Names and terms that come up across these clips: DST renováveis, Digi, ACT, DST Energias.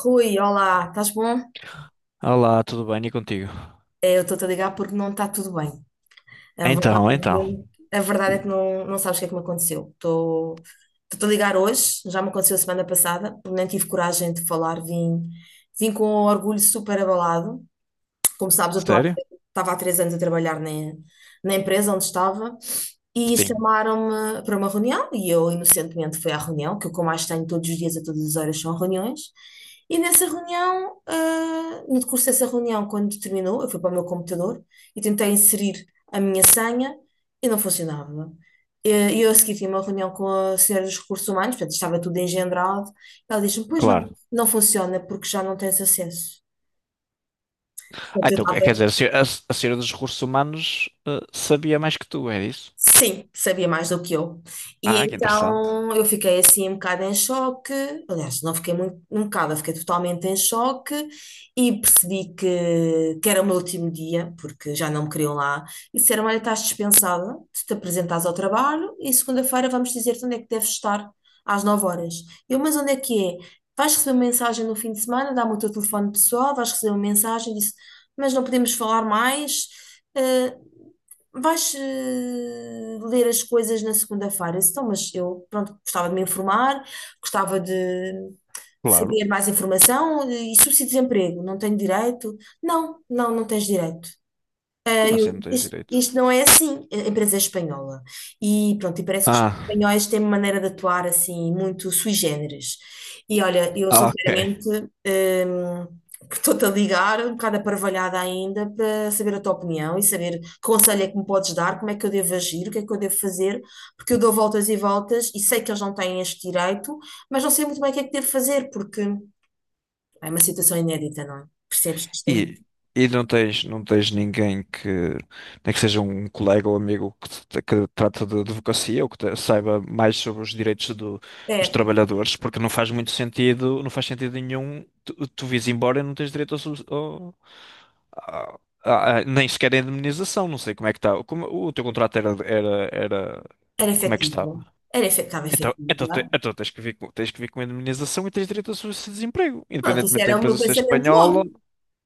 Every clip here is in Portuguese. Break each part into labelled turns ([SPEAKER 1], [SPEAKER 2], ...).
[SPEAKER 1] Rui, olá, estás bom?
[SPEAKER 2] Olá, tudo bem? E contigo?
[SPEAKER 1] É, eu estou-te a ligar porque não está tudo bem. A verdade,
[SPEAKER 2] Então, então.
[SPEAKER 1] a verdade é que não, não sabes o que é que me aconteceu. Estou- Estou-te a ligar hoje, já me aconteceu a semana passada, porque nem tive coragem de falar, vim, vim com o orgulho super abalado. Como sabes, eu estou há-
[SPEAKER 2] Sério?
[SPEAKER 1] estava há 3 anos a trabalhar na, na empresa onde estava, e
[SPEAKER 2] Sim,
[SPEAKER 1] chamaram-me para uma reunião e eu inocentemente fui à reunião, que o que eu mais tenho todos os dias, a todas as horas, são reuniões. E nessa reunião, no decurso dessa reunião, quando terminou, eu fui para o meu computador e tentei inserir a minha senha e não funcionava. E eu a seguir tive uma reunião com a senhora dos recursos humanos, portanto estava tudo engendrado. Ela disse-me, pois não,
[SPEAKER 2] claro.
[SPEAKER 1] não funciona porque já não tens acesso.
[SPEAKER 2] Ah,
[SPEAKER 1] Portanto, eu
[SPEAKER 2] então, quer dizer,
[SPEAKER 1] estava.
[SPEAKER 2] a se- a senhora dos recursos humanos sabia mais que tu, é isso?
[SPEAKER 1] Sim, sabia mais do que eu. E
[SPEAKER 2] Ah, que interessante.
[SPEAKER 1] então eu fiquei assim um bocado em choque. Aliás, não fiquei muito, um bocado, eu fiquei totalmente em choque e percebi que era o meu último dia, porque já não me queriam lá. E disseram: Olha, estás dispensada, tu te apresentares ao trabalho e segunda-feira vamos dizer-te onde é que deves estar às 9 horas. Eu, mas onde é que é? Vais receber uma mensagem no fim de semana, dá-me o teu telefone pessoal, vais receber uma mensagem, disse, mas não podemos falar mais. eh, Vais ler as coisas na segunda-feira. Eu disse, Então, mas eu, pronto, gostava de me informar, gostava de
[SPEAKER 2] Claro.
[SPEAKER 1] saber mais informação, e subsídio de desemprego, não tenho direito? Não, não, não tens direito.
[SPEAKER 2] Como assim não tens
[SPEAKER 1] Isto,
[SPEAKER 2] direito?
[SPEAKER 1] isto não é assim, a empresa é espanhola. E pronto, e parece que os
[SPEAKER 2] Ah,
[SPEAKER 1] espanhóis têm uma maneira de atuar assim, muito sui generis. E olha, eu
[SPEAKER 2] ah, ok.
[SPEAKER 1] sinceramente que estou-te a ligar, um bocado aparvalhada ainda, para saber a tua opinião e saber que conselho é que me podes dar, como é que eu devo agir, o que é que eu devo fazer, porque eu dou voltas e voltas e sei que eles não têm este direito, mas não sei muito bem o que é que devo fazer, porque é uma situação inédita, não é? Percebes que isto
[SPEAKER 2] E, e não tens ninguém nem que seja um colega ou amigo que trata de advocacia ou que saiba mais sobre os direitos
[SPEAKER 1] é?
[SPEAKER 2] dos
[SPEAKER 1] É,
[SPEAKER 2] trabalhadores, porque não faz muito sentido, não faz sentido nenhum tu vires embora e não tens direito ao, sus- ao- à- à- à- nem sequer a indemnização, não sei como é que está. Como, o teu contrato era,
[SPEAKER 1] era
[SPEAKER 2] como é que
[SPEAKER 1] efetivo,
[SPEAKER 2] estava?
[SPEAKER 1] era efe- estava
[SPEAKER 2] Então, então,
[SPEAKER 1] efetiva.
[SPEAKER 2] te- então tens que vir com a indemnização e tens direito a subsídio de desemprego,
[SPEAKER 1] Pronto, isso
[SPEAKER 2] independentemente da
[SPEAKER 1] era o meu
[SPEAKER 2] empresa ser
[SPEAKER 1] pensamento logo.
[SPEAKER 2] espanhola.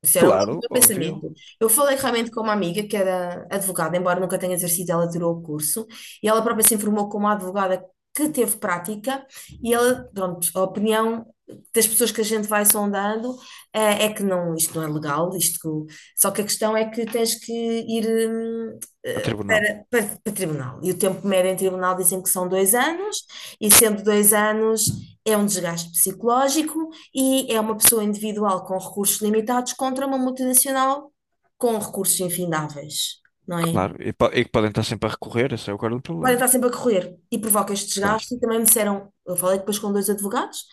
[SPEAKER 1] Isso era logo o
[SPEAKER 2] Claro,
[SPEAKER 1] meu
[SPEAKER 2] óbvio.
[SPEAKER 1] pensamento. Eu falei realmente com uma amiga que era advogada, embora nunca tenha exercido, ela tirou o curso e ela própria se informou como advogada, que teve prática, e ela, pronto, a opinião das pessoas que a gente vai sondando, é que não, isto não é legal, isto que- só que a questão é que tens que ir
[SPEAKER 2] A
[SPEAKER 1] eh,
[SPEAKER 2] tribunal,
[SPEAKER 1] para, para tribunal. E o tempo médio em tribunal dizem que são 2 anos, e sendo 2 anos é um desgaste psicológico e é uma pessoa individual com recursos limitados contra uma multinacional com recursos infindáveis, não é?
[SPEAKER 2] claro. E que podem estar sempre a recorrer, esse é o caro do
[SPEAKER 1] Podem
[SPEAKER 2] problema.
[SPEAKER 1] estar sempre a correr e provoca este
[SPEAKER 2] Pois.
[SPEAKER 1] desgaste. E também me disseram, eu falei depois com 2 advogados,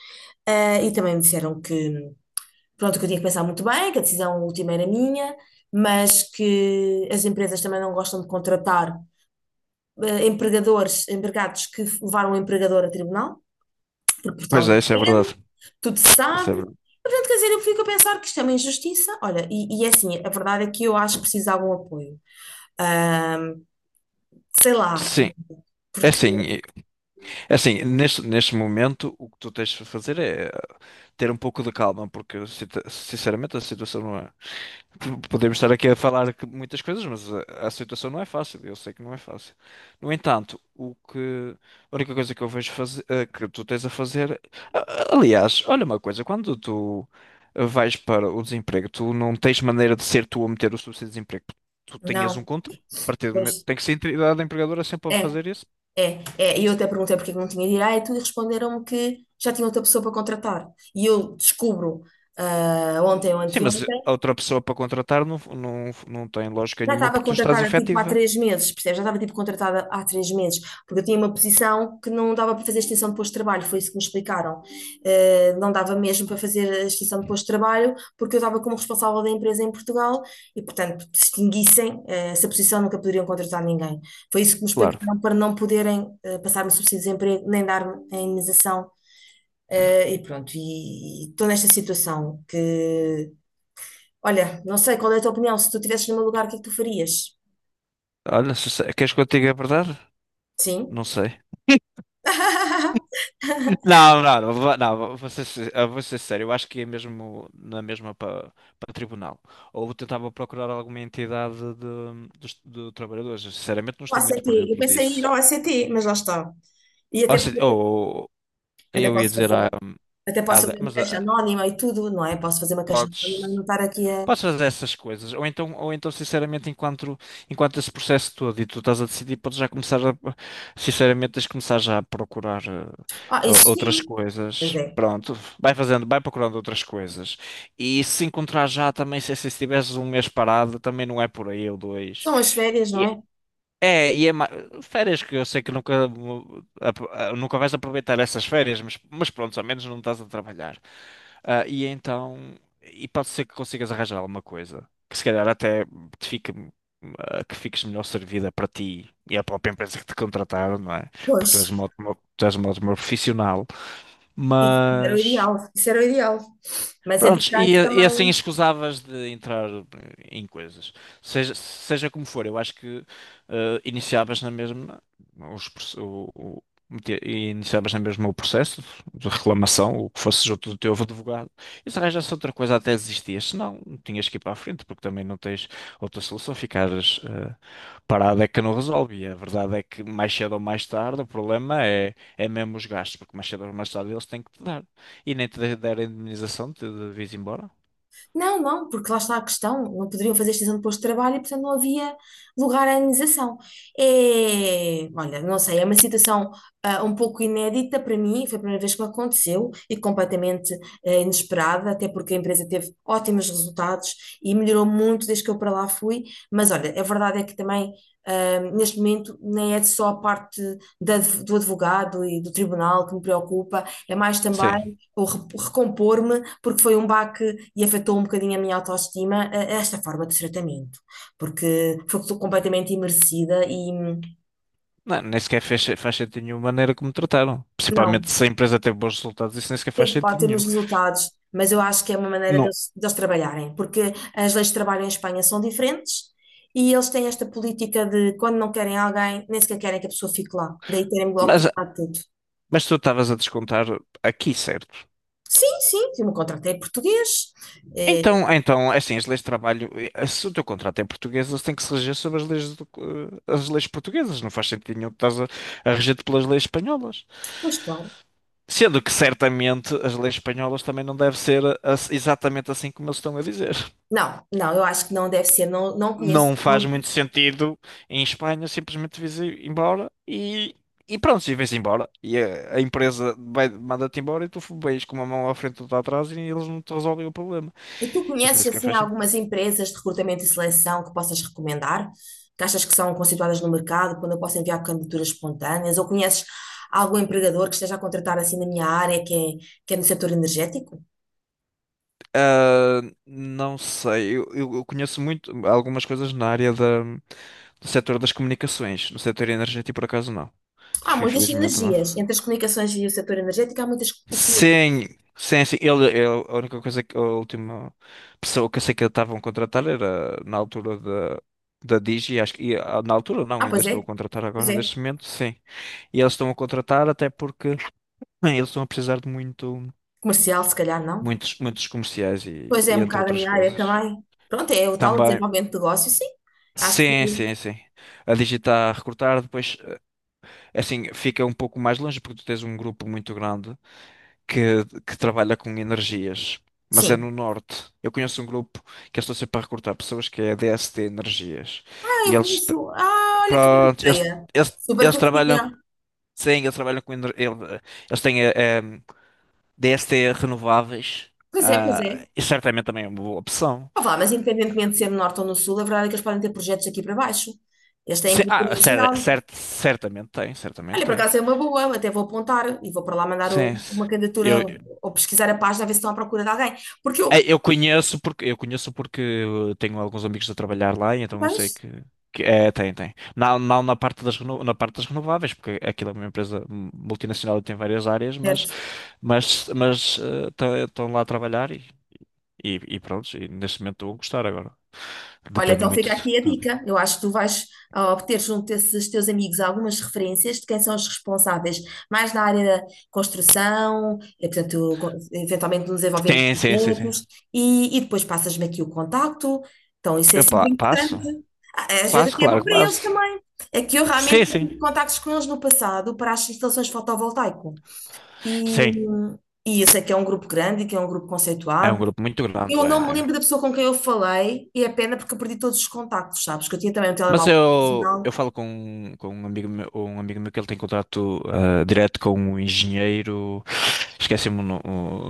[SPEAKER 1] e também me disseram que, pronto, que eu tinha que pensar muito bem, que a decisão última era minha, mas que as empresas também não gostam de contratar empregadores, empregados que levaram o empregador a tribunal, porque
[SPEAKER 2] Pois
[SPEAKER 1] Portugal
[SPEAKER 2] é,
[SPEAKER 1] não
[SPEAKER 2] isso é
[SPEAKER 1] pede,
[SPEAKER 2] verdade.
[SPEAKER 1] tudo se
[SPEAKER 2] Isso
[SPEAKER 1] sabe.
[SPEAKER 2] é verdade.
[SPEAKER 1] Portanto, quer dizer, eu fico a pensar que isto é uma injustiça. Olha, e é assim, a verdade é que eu acho que precisa de algum apoio. Ahm, sei lá,
[SPEAKER 2] Sim. É
[SPEAKER 1] porque
[SPEAKER 2] assim, e- é assim, neste momento o que tu tens de fazer é ter um pouco de calma, porque sinceramente a situação... Podemos estar aqui a falar muitas coisas, mas a situação não é fácil. Eu sei que não é fácil. No entanto, a única coisa que eu vejo fazer, que tu tens a fazer. a- Aliás, olha uma coisa: quando tu vais para o desemprego, tu não tens maneira de ser tu a meter o subsídio de desemprego. Tu tenhas um
[SPEAKER 1] não,
[SPEAKER 2] contrato. A partir do momento-
[SPEAKER 1] pois
[SPEAKER 2] Tem que ser a entidade empregadora sempre a
[SPEAKER 1] é,
[SPEAKER 2] fazer isso.
[SPEAKER 1] é, é. E eu até perguntei porque é que não tinha direito e responderam-me que já tinha outra pessoa para contratar. E eu descubro ontem ou
[SPEAKER 2] Sim,
[SPEAKER 1] anteontem.
[SPEAKER 2] mas a outra pessoa para contratar não tem lógica
[SPEAKER 1] Já
[SPEAKER 2] nenhuma
[SPEAKER 1] estava
[SPEAKER 2] porque tu estás
[SPEAKER 1] contratada tipo há
[SPEAKER 2] efetiva.
[SPEAKER 1] 3 meses, percebes? Já estava tipo contratada há 3 meses, porque eu tinha uma posição que não dava para fazer extensão de posto de trabalho, foi isso que me explicaram. Não dava mesmo para fazer a extensão de posto de trabalho, porque eu estava como responsável da empresa em Portugal e, portanto, se extinguissem, essa posição nunca poderiam contratar ninguém. Foi isso que me
[SPEAKER 2] Claro.
[SPEAKER 1] explicaram, para não poderem passar-me subsídio de desemprego, nem dar-me a indenização. E pronto, e estou nesta situação que, olha, não sei qual é a tua opinião, se tu estivesses no meu lugar, o que é que tu farias?
[SPEAKER 2] Olha, queres que eu te diga a verdade?
[SPEAKER 1] Sim.
[SPEAKER 2] Não sei. Não, não, não, não, eu vou ser sério, eu acho que é mesmo na mesma para tribunal. Ou tentava procurar alguma entidade de, dos de trabalhadores. Sinceramente, não
[SPEAKER 1] O
[SPEAKER 2] estou muito
[SPEAKER 1] ACT,
[SPEAKER 2] por
[SPEAKER 1] eu
[SPEAKER 2] dentro
[SPEAKER 1] pensei em ir
[SPEAKER 2] disso.
[SPEAKER 1] ao ACT, mas lá está. E até,
[SPEAKER 2] Ou, se- ou-
[SPEAKER 1] até
[SPEAKER 2] eu ia
[SPEAKER 1] posso
[SPEAKER 2] dizer,
[SPEAKER 1] fazer uma,
[SPEAKER 2] ah,
[SPEAKER 1] até posso fazer uma
[SPEAKER 2] mas
[SPEAKER 1] caixa
[SPEAKER 2] ah,
[SPEAKER 1] anónima e tudo, não é? Posso fazer uma caixa anónima
[SPEAKER 2] podes.
[SPEAKER 1] e não estar aqui a.
[SPEAKER 2] Podes fazer essas coisas, ou então sinceramente, enquanto esse processo todo e tu estás a decidir, podes já começar sinceramente, tens de começar já a procurar
[SPEAKER 1] Ah, isso
[SPEAKER 2] outras
[SPEAKER 1] sim. Pois
[SPEAKER 2] coisas.
[SPEAKER 1] é.
[SPEAKER 2] Pronto, vai fazendo, vai procurando outras coisas. E se encontrar já também, se estiveres um mês parado, também não é por aí ou dois.
[SPEAKER 1] São as férias, não é?
[SPEAKER 2] É, e férias que eu sei que nunca vais aproveitar essas férias, mas pronto, ao menos não estás a trabalhar. Ah, e então, e pode ser que consigas arranjar alguma coisa, que se calhar até te fique, ah, que fiques melhor servida para ti e a própria empresa que te contrataram, não é? Porque tu és
[SPEAKER 1] Pois.
[SPEAKER 2] uma ótima, tu és uma ótima profissional,
[SPEAKER 1] Isso era o
[SPEAKER 2] mas.
[SPEAKER 1] ideal. Isso era o ideal. Mas
[SPEAKER 2] Prontos, e,
[SPEAKER 1] entretanto
[SPEAKER 2] e assim
[SPEAKER 1] também.
[SPEAKER 2] escusavas de entrar em coisas. Seja como for, eu acho que iniciavas na mesma os, proce- o- metia- e iniciavas na mesma o processo de reclamação, o que fosse junto do teu advogado, e se arranjasse outra coisa até desistias, senão tinhas que ir para a frente, porque também não tens outra solução, ficares parado é que não resolve. E a verdade é que mais cedo ou mais tarde o problema é mesmo os gastos, porque mais cedo ou mais tarde eles têm que te dar. E nem te der a indemnização, te devias ir embora.
[SPEAKER 1] Não, não, porque lá está a questão, não poderiam fazer extensão de posto de trabalho e, portanto, não havia lugar à indenização. É, olha, não sei, é uma situação um pouco inédita para mim, foi a primeira vez que me aconteceu e completamente inesperada, até porque a empresa teve ótimos resultados e melhorou muito desde que eu para lá fui, mas olha, a verdade é que também. Neste momento, nem é só a parte da- do advogado e do tribunal que me preocupa, é mais também
[SPEAKER 2] Sim.
[SPEAKER 1] ou re- recompor-me, porque foi um baque e afetou um bocadinho a minha autoestima, esta forma de tratamento, porque foi que completamente imersida e
[SPEAKER 2] Não, nem sequer faz sentido nenhuma maneira como trataram. Principalmente
[SPEAKER 1] não,
[SPEAKER 2] se a empresa teve bons resultados, isso nem sequer faz
[SPEAKER 1] teve, pode
[SPEAKER 2] sentido
[SPEAKER 1] ter uns
[SPEAKER 2] nenhum.
[SPEAKER 1] resultados, mas eu acho que é uma maneira
[SPEAKER 2] Não.
[SPEAKER 1] deles, deles trabalharem, porque as leis de trabalho em Espanha são diferentes e eles têm esta política de quando não querem alguém, nem sequer querem que a pessoa fique lá, daí terem-me logo
[SPEAKER 2] Mas
[SPEAKER 1] cortado tudo.
[SPEAKER 2] mas tu estavas a descontar aqui, certo?
[SPEAKER 1] Sim, sim, eu me contratei português, eh,
[SPEAKER 2] Então, é assim, as leis de trabalho, se o teu contrato é português, eles têm que se reger sobre as leis, as leis portuguesas. Não faz sentido nenhum que estás a reger-te pelas leis espanholas.
[SPEAKER 1] pois claro.
[SPEAKER 2] Sendo que certamente as leis espanholas também não devem ser exatamente assim como eles estão a dizer.
[SPEAKER 1] Não, não, eu acho que não deve ser, não, não conheço.
[SPEAKER 2] Não faz muito sentido em Espanha simplesmente vires embora e, pronto, e vais embora. E a empresa manda-te embora e tu vais com uma mão à frente e outra atrás e eles não te resolvem o problema.
[SPEAKER 1] E tu
[SPEAKER 2] Isso nem
[SPEAKER 1] conheces
[SPEAKER 2] sequer
[SPEAKER 1] assim
[SPEAKER 2] faz sentido.
[SPEAKER 1] algumas empresas de recrutamento e seleção que possas recomendar? Que achas que são constituídas no mercado, quando eu posso enviar candidaturas espontâneas? Ou conheces algum empregador que esteja a contratar assim na minha área, que é no setor energético?
[SPEAKER 2] Ah, não sei, eu conheço muito algumas coisas na área do setor das comunicações, no setor energético por acaso não.
[SPEAKER 1] Há muitas
[SPEAKER 2] Infelizmente não.
[SPEAKER 1] sinergias entre as comunicações e o setor energético, há muitas sinergias.
[SPEAKER 2] Sim, sim, sim. A única coisa que a última pessoa que eu sei que estavam a contratar era na altura da Digi, acho que na altura não,
[SPEAKER 1] Ah,
[SPEAKER 2] ainda
[SPEAKER 1] pois
[SPEAKER 2] estou a
[SPEAKER 1] é,
[SPEAKER 2] contratar
[SPEAKER 1] pois
[SPEAKER 2] agora
[SPEAKER 1] é.
[SPEAKER 2] neste momento, sim. E eles estão a contratar até porque bem, eles estão a precisar de
[SPEAKER 1] Comercial, se calhar não.
[SPEAKER 2] muitos, muitos comerciais e,
[SPEAKER 1] Pois é,
[SPEAKER 2] e
[SPEAKER 1] um
[SPEAKER 2] entre
[SPEAKER 1] bocado a
[SPEAKER 2] outras
[SPEAKER 1] minha área
[SPEAKER 2] coisas.
[SPEAKER 1] também. Pronto, é o tal
[SPEAKER 2] Também,
[SPEAKER 1] desenvolvimento de negócio, sim. Acho que
[SPEAKER 2] sim, sim, sim. A Digi está a recrutar, depois assim fica um pouco mais longe porque tu tens um grupo muito grande, que trabalha com energias, mas é
[SPEAKER 1] sim.
[SPEAKER 2] no norte. Eu conheço um grupo que eu estou sempre a recrutar pessoas que é DST Energias.
[SPEAKER 1] Ah,
[SPEAKER 2] E
[SPEAKER 1] eu
[SPEAKER 2] eles,
[SPEAKER 1] conheço. Ah, olha que grande
[SPEAKER 2] pronto, eles,
[SPEAKER 1] ideia.
[SPEAKER 2] eles,
[SPEAKER 1] Super
[SPEAKER 2] eles trabalham,
[SPEAKER 1] conhecida.
[SPEAKER 2] sim, eles trabalham com eles têm DST renováveis.
[SPEAKER 1] Pois é, pois é.
[SPEAKER 2] Ah, e certamente também é uma boa opção.
[SPEAKER 1] Ah, vá, mas independentemente de ser no norte ou no sul, a verdade é que eles podem ter projetos aqui para baixo. Eles têm
[SPEAKER 2] Sim,
[SPEAKER 1] cobertura
[SPEAKER 2] ah,
[SPEAKER 1] nacional.
[SPEAKER 2] certamente tem, certamente
[SPEAKER 1] Olha, por
[SPEAKER 2] tem.
[SPEAKER 1] acaso é uma boa, até vou apontar e vou para lá mandar o-
[SPEAKER 2] Sim,
[SPEAKER 1] uma candidatura
[SPEAKER 2] sim.
[SPEAKER 1] ou pesquisar a página a ver se estão à procura de alguém. Porque
[SPEAKER 2] É,
[SPEAKER 1] eu.
[SPEAKER 2] eu conheço porque tenho alguns amigos a trabalhar lá, e então eu
[SPEAKER 1] Pois,
[SPEAKER 2] sei que, é, tem, tem. Não, não na parte na parte das renováveis, porque aquilo é uma empresa multinacional e tem várias áreas, mas
[SPEAKER 1] certo.
[SPEAKER 2] mas tá, estão lá a trabalhar e pronto, e neste momento estou a gostar agora.
[SPEAKER 1] Olha,
[SPEAKER 2] Depende
[SPEAKER 1] então
[SPEAKER 2] muito
[SPEAKER 1] fica aqui a
[SPEAKER 2] de.
[SPEAKER 1] dica. Eu acho que tu vais obter junto desses teus amigos algumas referências de quem são os responsáveis mais na área da construção, portanto, co- eventualmente no desenvolvimento
[SPEAKER 2] Sim,
[SPEAKER 1] de
[SPEAKER 2] sim, sim, sim,
[SPEAKER 1] projetos, e depois passas-me aqui o contacto. Então, isso é
[SPEAKER 2] Eu
[SPEAKER 1] sempre importante.
[SPEAKER 2] passo.
[SPEAKER 1] Ah, às vezes
[SPEAKER 2] Passo,
[SPEAKER 1] aqui é bom
[SPEAKER 2] claro que
[SPEAKER 1] para eles
[SPEAKER 2] passo.
[SPEAKER 1] também. É que eu realmente
[SPEAKER 2] Sim, sim.
[SPEAKER 1] tive contactos com eles no passado para as instalações fotovoltaico. E,
[SPEAKER 2] Sim,
[SPEAKER 1] e eu sei que é um grupo grande, que é um grupo
[SPEAKER 2] é um
[SPEAKER 1] conceituado,
[SPEAKER 2] grupo muito grande,
[SPEAKER 1] eu não
[SPEAKER 2] é.
[SPEAKER 1] me
[SPEAKER 2] É.
[SPEAKER 1] lembro da pessoa com quem eu falei e é pena porque eu perdi todos os contactos, sabes? Que eu tinha também um
[SPEAKER 2] Mas
[SPEAKER 1] telemóvel
[SPEAKER 2] eu
[SPEAKER 1] profissional.
[SPEAKER 2] falo com um amigo meu que ele tem contato direto com um engenheiro, esqueci-me o, no-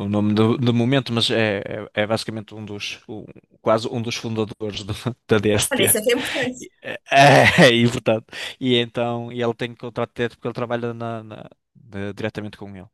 [SPEAKER 2] o nome do momento, mas é basicamente quase um dos fundadores da
[SPEAKER 1] Olha,
[SPEAKER 2] DST.
[SPEAKER 1] isso é que é importante.
[SPEAKER 2] É, e, portanto, e então, e ele tem contrato direto porque ele trabalha na, diretamente com ele.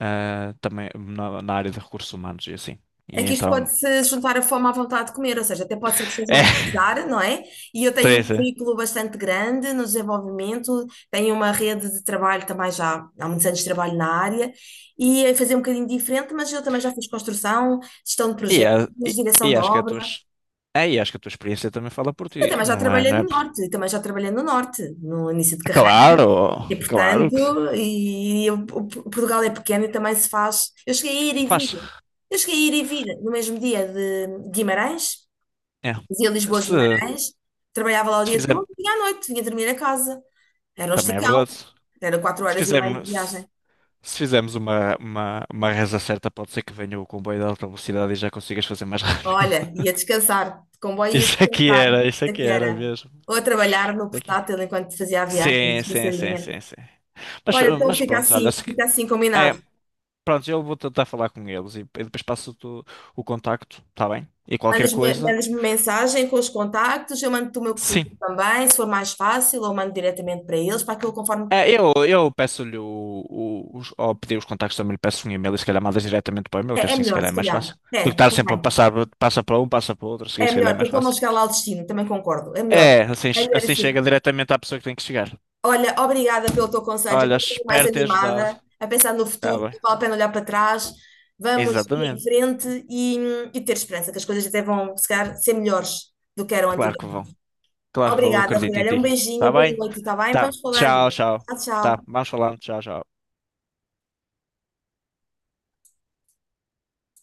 [SPEAKER 2] Ah, também na, área de recursos humanos e assim. E
[SPEAKER 1] É que isto
[SPEAKER 2] então,
[SPEAKER 1] pode-se juntar a fome à vontade de comer, ou seja, até pode ser que estejam a
[SPEAKER 2] é,
[SPEAKER 1] precisar, não é? E eu tenho um
[SPEAKER 2] tem.
[SPEAKER 1] currículo bastante grande no desenvolvimento, tenho uma rede de trabalho também já há muitos anos de trabalho na área, e é fazer um bocadinho diferente, mas eu também já fiz construção, gestão de
[SPEAKER 2] E, a-
[SPEAKER 1] projetos,
[SPEAKER 2] e,
[SPEAKER 1] direção
[SPEAKER 2] e
[SPEAKER 1] de obra,
[SPEAKER 2] acho que a tua experiência também fala por
[SPEAKER 1] e
[SPEAKER 2] ti,
[SPEAKER 1] também já
[SPEAKER 2] não é?
[SPEAKER 1] trabalhei
[SPEAKER 2] Não é?
[SPEAKER 1] no norte, e também já trabalhei no norte, no início de carreira.
[SPEAKER 2] Claro,
[SPEAKER 1] E
[SPEAKER 2] claro
[SPEAKER 1] portanto,
[SPEAKER 2] que sim.
[SPEAKER 1] eu- o P- Portugal é pequeno e também se faz. Eu cheguei a ir e vir.
[SPEAKER 2] Faz.
[SPEAKER 1] Eu cheguei a ir e vir no mesmo dia de Guimarães,
[SPEAKER 2] É.
[SPEAKER 1] fazia Lisboa a
[SPEAKER 2] Se,
[SPEAKER 1] Guimarães, trabalhava lá o
[SPEAKER 2] se
[SPEAKER 1] dia
[SPEAKER 2] fizermos,
[SPEAKER 1] todo e à noite vinha dormir a casa. Era um
[SPEAKER 2] também é
[SPEAKER 1] esticão,
[SPEAKER 2] verdade.
[SPEAKER 1] era quatro
[SPEAKER 2] Se
[SPEAKER 1] horas e meia de
[SPEAKER 2] fizermos, se,
[SPEAKER 1] viagem.
[SPEAKER 2] se fizermos uma reza certa, pode ser que venha o comboio de alta velocidade e já consigas fazer mais rápido.
[SPEAKER 1] Olha, ia descansar, de comboio ia descansar. Isso
[SPEAKER 2] Isso
[SPEAKER 1] é
[SPEAKER 2] aqui
[SPEAKER 1] que
[SPEAKER 2] era
[SPEAKER 1] era.
[SPEAKER 2] mesmo.
[SPEAKER 1] Ou a trabalhar no
[SPEAKER 2] Isso aqui-
[SPEAKER 1] portátil enquanto fazia a viagem,
[SPEAKER 2] Sim, sim, sim,
[SPEAKER 1] descansadinha.
[SPEAKER 2] sim, sim. Mas,
[SPEAKER 1] Olha, então
[SPEAKER 2] mas, pronto, olha, se,
[SPEAKER 1] fica assim combinado.
[SPEAKER 2] pronto, eu vou tentar falar com eles e depois passo-te o contacto, está bem? E qualquer
[SPEAKER 1] Mandas-me
[SPEAKER 2] coisa,
[SPEAKER 1] mandas-me mensagem com os contactos, eu mando-te o meu
[SPEAKER 2] sim.
[SPEAKER 1] currículo também, se for mais fácil, ou mando diretamente para eles, para aquilo conforme.
[SPEAKER 2] É, eu peço-lhe ao pedir os contactos também lhe peço um e-mail e se calhar mandas diretamente para o e-mail,
[SPEAKER 1] É,
[SPEAKER 2] que
[SPEAKER 1] é
[SPEAKER 2] assim se
[SPEAKER 1] melhor,
[SPEAKER 2] calhar é
[SPEAKER 1] se
[SPEAKER 2] mais
[SPEAKER 1] calhar.
[SPEAKER 2] fácil. Do que
[SPEAKER 1] É,
[SPEAKER 2] estar sempre a
[SPEAKER 1] também.
[SPEAKER 2] passar, passa para um, passa para o outro, assim
[SPEAKER 1] É
[SPEAKER 2] se calhar
[SPEAKER 1] melhor,
[SPEAKER 2] é mais
[SPEAKER 1] depois pode não
[SPEAKER 2] fácil.
[SPEAKER 1] chegar lá ao destino, também concordo. É melhor.
[SPEAKER 2] É, assim,
[SPEAKER 1] É melhor
[SPEAKER 2] assim chega
[SPEAKER 1] assim.
[SPEAKER 2] diretamente à pessoa que tem que chegar.
[SPEAKER 1] Olha, obrigada pelo teu conselho, eu
[SPEAKER 2] Olha,
[SPEAKER 1] estou um bocadinho mais
[SPEAKER 2] espero ter ajudado.
[SPEAKER 1] animada, a pensar no
[SPEAKER 2] Está
[SPEAKER 1] futuro,
[SPEAKER 2] bem.
[SPEAKER 1] vale a pena olhar para trás, vamos ir em
[SPEAKER 2] Exatamente.
[SPEAKER 1] frente e ter esperança, que as coisas até vão, se calhar, ser melhores do que eram
[SPEAKER 2] Claro que vão.
[SPEAKER 1] antigamente.
[SPEAKER 2] Claro que vão, eu
[SPEAKER 1] Obrigada,
[SPEAKER 2] acredito em
[SPEAKER 1] Ruel. Um
[SPEAKER 2] ti.
[SPEAKER 1] beijinho,
[SPEAKER 2] Está
[SPEAKER 1] boa
[SPEAKER 2] bem?
[SPEAKER 1] noite, está bem?
[SPEAKER 2] Tá.
[SPEAKER 1] Vamos falando.
[SPEAKER 2] Tchau, tchau.
[SPEAKER 1] Tchau,
[SPEAKER 2] Tá,
[SPEAKER 1] tchau.
[SPEAKER 2] vamos falando. Tchau, tchau.